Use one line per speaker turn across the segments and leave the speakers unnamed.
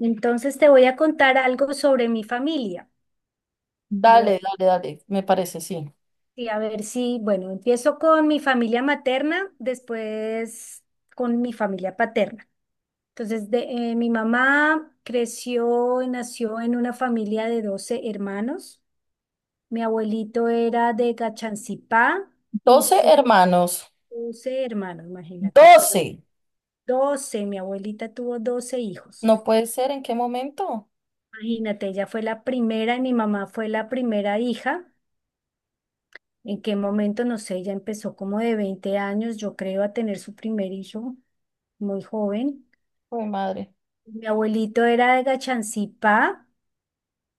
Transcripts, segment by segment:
Entonces te voy a contar algo sobre mi familia.
Dale,
Bueno,
dale, dale, me parece, sí.
y a ver si, bueno, empiezo con mi familia materna, después con mi familia paterna. Entonces, mi mamá creció y nació en una familia de 12 hermanos. Mi abuelito era de Gachancipá y
Doce
sus
hermanos.
12 hermanos, imagínate, fueron
12.
12. Mi abuelita tuvo 12 hijos.
No puede ser, ¿en qué momento?
Imagínate, ella fue la primera y mi mamá fue la primera hija. ¿En qué momento? No sé, ella empezó como de 20 años, yo creo, a tener su primer hijo muy joven.
Uy, madre.
Mi abuelito era de Gachancipá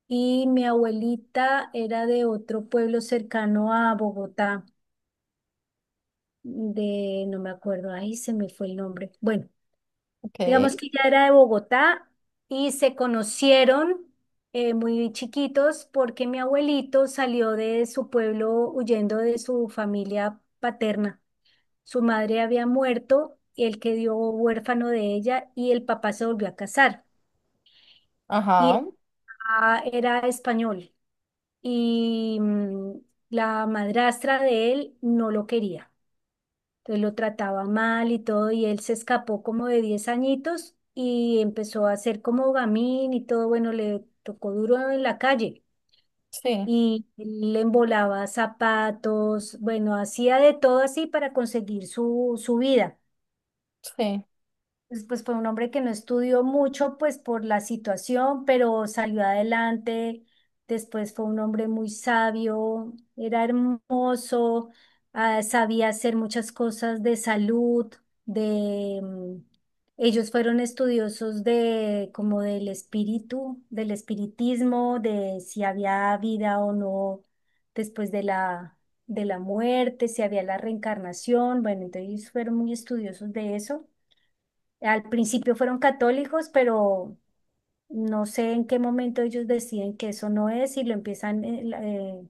y mi abuelita era de otro pueblo cercano a Bogotá, no me acuerdo, ahí se me fue el nombre. Bueno, digamos
Ok.
que ella era de Bogotá y se conocieron muy chiquitos porque mi abuelito salió de su pueblo huyendo de su familia paterna. Su madre había muerto, el que dio huérfano de ella y el papá se volvió a casar. Y
Ajá.
el papá era español y la madrastra de él no lo quería. Entonces lo trataba mal y todo y él se escapó como de 10 añitos y empezó a hacer como gamín y todo. Bueno, le tocó duro en la calle.
Sí,
Y le embolaba zapatos, bueno, hacía de todo así para conseguir su vida.
sí.
Pues fue un hombre que no estudió mucho, pues por la situación, pero salió adelante. Después fue un hombre muy sabio, era hermoso, ah, sabía hacer muchas cosas de salud, de... mm, ellos fueron estudiosos de como del espíritu, del espiritismo, de si había vida o no después de la muerte, si había la reencarnación. Bueno, entonces fueron muy estudiosos de eso. Al principio fueron católicos, pero no sé en qué momento ellos deciden que eso no es y lo empiezan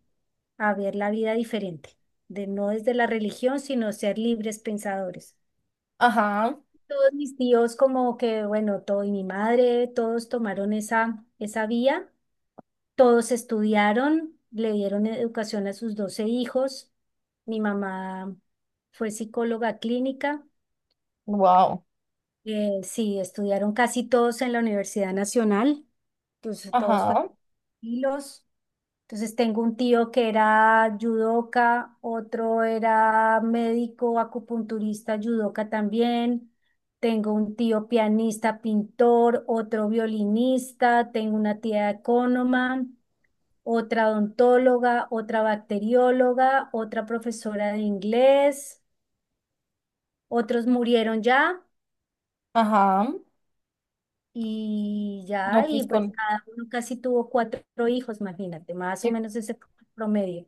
a ver la vida diferente, de no desde la religión, sino ser libres pensadores.
Ajá.
Todos mis tíos como que, bueno, todo y mi madre, todos tomaron esa vía, todos estudiaron, le dieron educación a sus 12 hijos. Mi mamá fue psicóloga clínica,
Wow.
sí, estudiaron casi todos en la Universidad Nacional. Entonces todos fueron
Ajá.
tranquilos. Entonces tengo un tío que era yudoka, otro era médico, acupunturista, yudoka también. Tengo un tío pianista, pintor, otro violinista, tengo una tía ecónoma, otra odontóloga, otra bacterióloga, otra profesora de inglés. Otros murieron ya
Ajá.
y
No,
ya, y
pues
pues cada uno casi tuvo cuatro hijos, imagínate, más o
qué-
menos ese fue el promedio.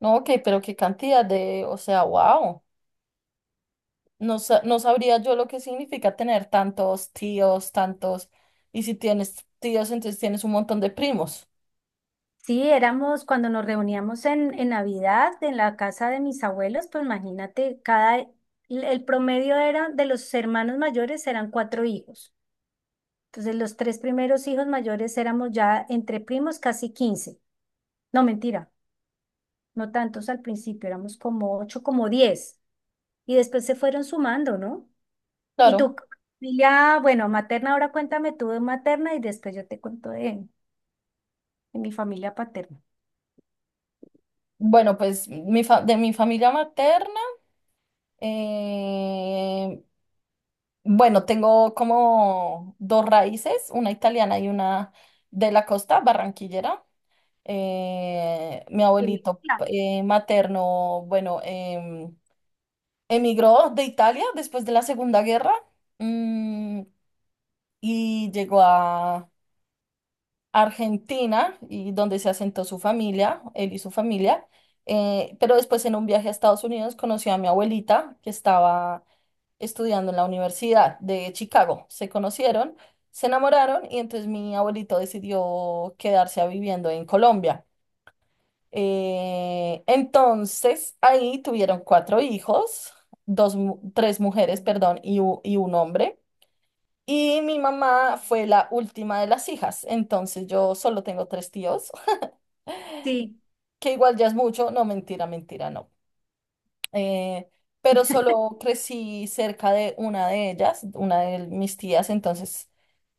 No, ok, pero qué cantidad O sea, wow. No, no sabría yo lo que significa tener tantos tíos, tantos. Y si tienes tíos, entonces tienes un montón de primos.
Sí, éramos cuando nos reuníamos en Navidad en la casa de mis abuelos, pues imagínate, el promedio era de los hermanos mayores eran cuatro hijos. Entonces los tres primeros hijos mayores éramos ya entre primos casi 15, no, mentira, no tantos al principio, éramos como ocho, como 10. Y después se fueron sumando, ¿no? Y
Claro.
tu familia, bueno, materna, ahora cuéntame tú de materna y después yo te cuento de, mi familia paterna.
Bueno, pues de mi familia materna. Eh, bueno, tengo como dos raíces, una italiana y una de la costa, barranquillera. Mi
¿Qué
abuelito
mezcla?
materno, emigró de Italia después de la Segunda Guerra, mm, y llegó a Argentina, y donde se asentó su familia, él y su familia. Pero después, en un viaje a Estados Unidos, conoció a mi abuelita, que estaba estudiando en la Universidad de Chicago. Se conocieron, se enamoraron y entonces mi abuelito decidió quedarse a viviendo en Colombia. Entonces ahí tuvieron cuatro hijos, dos, tres mujeres, perdón, y un hombre. Y mi mamá fue la última de las hijas, entonces yo solo tengo tres tíos
Sí,
que igual ya es mucho. No, mentira, mentira, no. Eh, pero solo crecí cerca de una de ellas, una de mis tías. Entonces,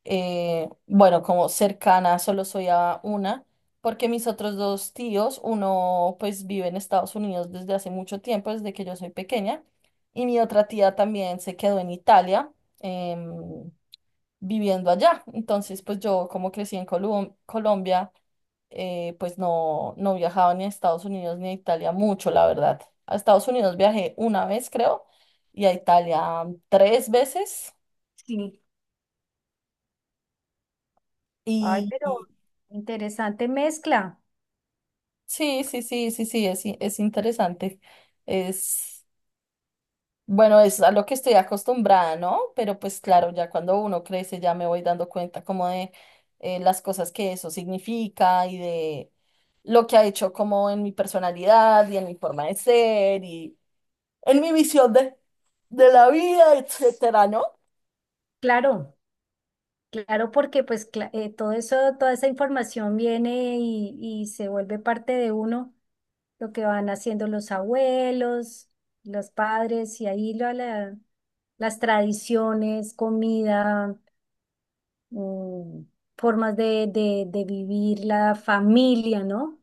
bueno, como cercana solo soy a una, porque mis otros dos tíos, uno pues vive en Estados Unidos desde hace mucho tiempo, desde que yo soy pequeña, y mi otra tía también se quedó en Italia, em, viviendo allá. Entonces, pues yo como crecí en Colombia, pues no viajaba ni a Estados Unidos ni a Italia mucho, la verdad. A Estados Unidos viajé una vez, creo, y a Italia, tres veces.
sí. Ay,
Y
pero
y
interesante mezcla.
sí, sí, sí, sí, sí, es, es interesante. Es. Bueno, es a lo que estoy acostumbrada, ¿no? Pero pues claro, ya cuando uno crece, ya me voy dando cuenta como de las cosas que eso significa, y de lo que ha hecho como en mi personalidad y en mi forma de ser y en mi visión de la vida, etcétera, ¿no?
Claro, claro, porque pues todo eso, toda esa información viene y se vuelve parte de uno, lo que van haciendo los abuelos, los padres, y ahí las tradiciones, comida, mm, formas de vivir la familia, ¿no?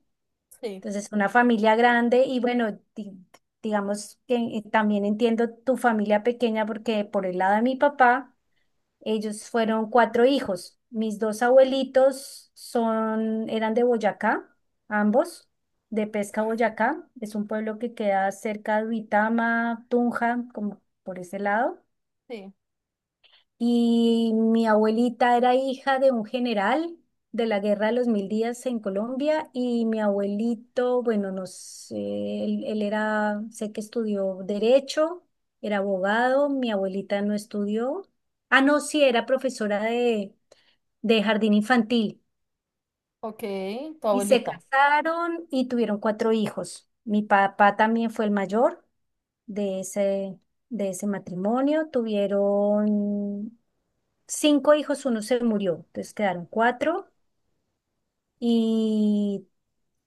Sí,
Entonces, una familia grande y bueno, digamos que también entiendo tu familia pequeña porque por el lado de mi papá, ellos fueron cuatro hijos. Mis dos abuelitos eran de Boyacá, ambos, de Pesca Boyacá. Es un pueblo que queda cerca de Uitama, Tunja, como por ese lado.
sí.
Y mi abuelita era hija de un general de la Guerra de los Mil Días en Colombia y mi abuelito, bueno, no sé, él era, sé que estudió derecho, era abogado, mi abuelita no estudió. Ah, no, sí, era profesora de jardín infantil.
Ok, tu
Y se
abuelita.
casaron y tuvieron cuatro hijos. Mi papá también fue el mayor de ese, matrimonio. Tuvieron cinco hijos, uno se murió, entonces quedaron cuatro y,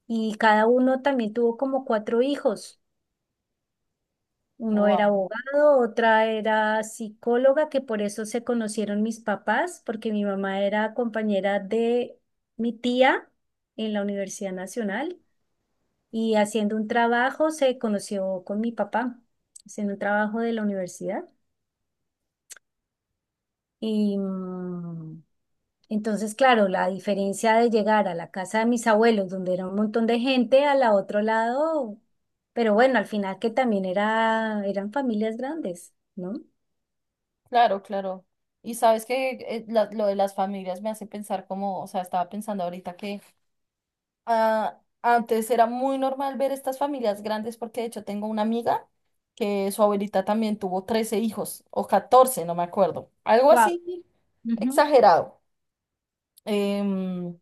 y cada uno también tuvo como cuatro hijos. Uno era
Wow.
abogado, otra era psicóloga, que por eso se conocieron mis papás, porque mi mamá era compañera de mi tía en la Universidad Nacional y haciendo un trabajo se conoció con mi papá, haciendo un trabajo de la universidad. Y entonces, claro, la diferencia de llegar a la casa de mis abuelos, donde era un montón de gente, a la otro lado, pero bueno, al final que también eran familias grandes, ¿no?
Claro, claro. Y sabes que, lo de las familias me hace pensar como, o sea, estaba pensando ahorita que ah, antes era muy normal ver estas familias grandes, porque de hecho tengo una amiga que su abuelita también tuvo 13 hijos o 14, no me acuerdo. Algo
Wow.
así
Ujú.
exagerado. Em,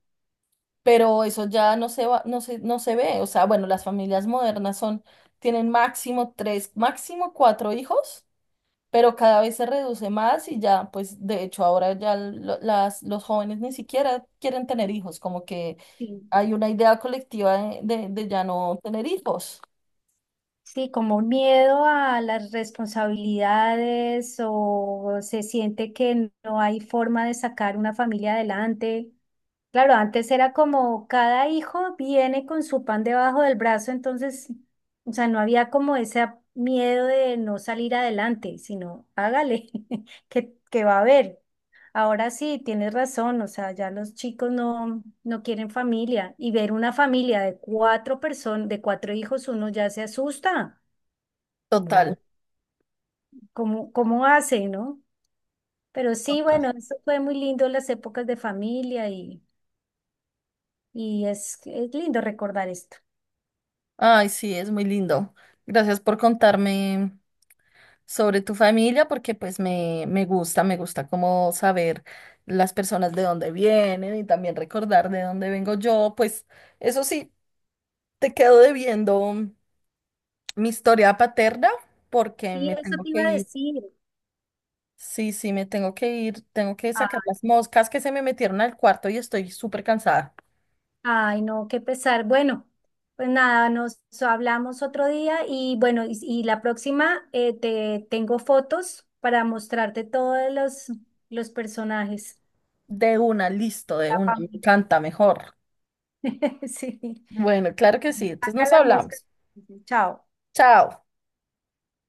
pero eso ya no se va, no se ve. O sea, bueno, las familias modernas son, tienen máximo tres, máximo cuatro hijos, pero cada vez se reduce más y ya. Pues de hecho ahora ya las, los jóvenes ni siquiera quieren tener hijos, como que
Sí.
hay una idea colectiva de ya no tener hijos.
Sí, como un miedo a las responsabilidades o se siente que no hay forma de sacar una familia adelante. Claro, antes era como cada hijo viene con su pan debajo del brazo, entonces, o sea, no había como ese miedo de no salir adelante, sino hágale, que va a haber. Ahora sí, tienes razón, o sea, ya los chicos no, no quieren familia y ver una familia de cuatro personas, de cuatro hijos, uno ya se asusta, como,
Total.
cómo hace, ¿no? Pero sí, bueno, eso fue muy lindo las épocas de familia y es lindo recordar esto.
Ay, sí, es muy lindo. Gracias por contarme sobre tu familia, porque pues me gusta como saber las personas de dónde vienen, y también recordar de dónde vengo yo. Pues eso sí, te quedo debiendo mi historia paterna, porque
Sí,
me
eso
tengo
te
que
iba a
ir.
decir.
Sí, sí, me tengo que ir. Tengo que
Ah,
sacar las moscas que se me metieron al cuarto y estoy súper cansada.
ay, no, qué pesar. Bueno, pues nada, nos hablamos otro día y bueno, y la próxima te tengo fotos para mostrarte todos los personajes.
De una, listo, de
Ah,
una,
pa'
me encanta mejor.
Sí.
Bueno, claro que sí, entonces
Saca
nos
las moscas.
hablamos.
Chao.
Chao.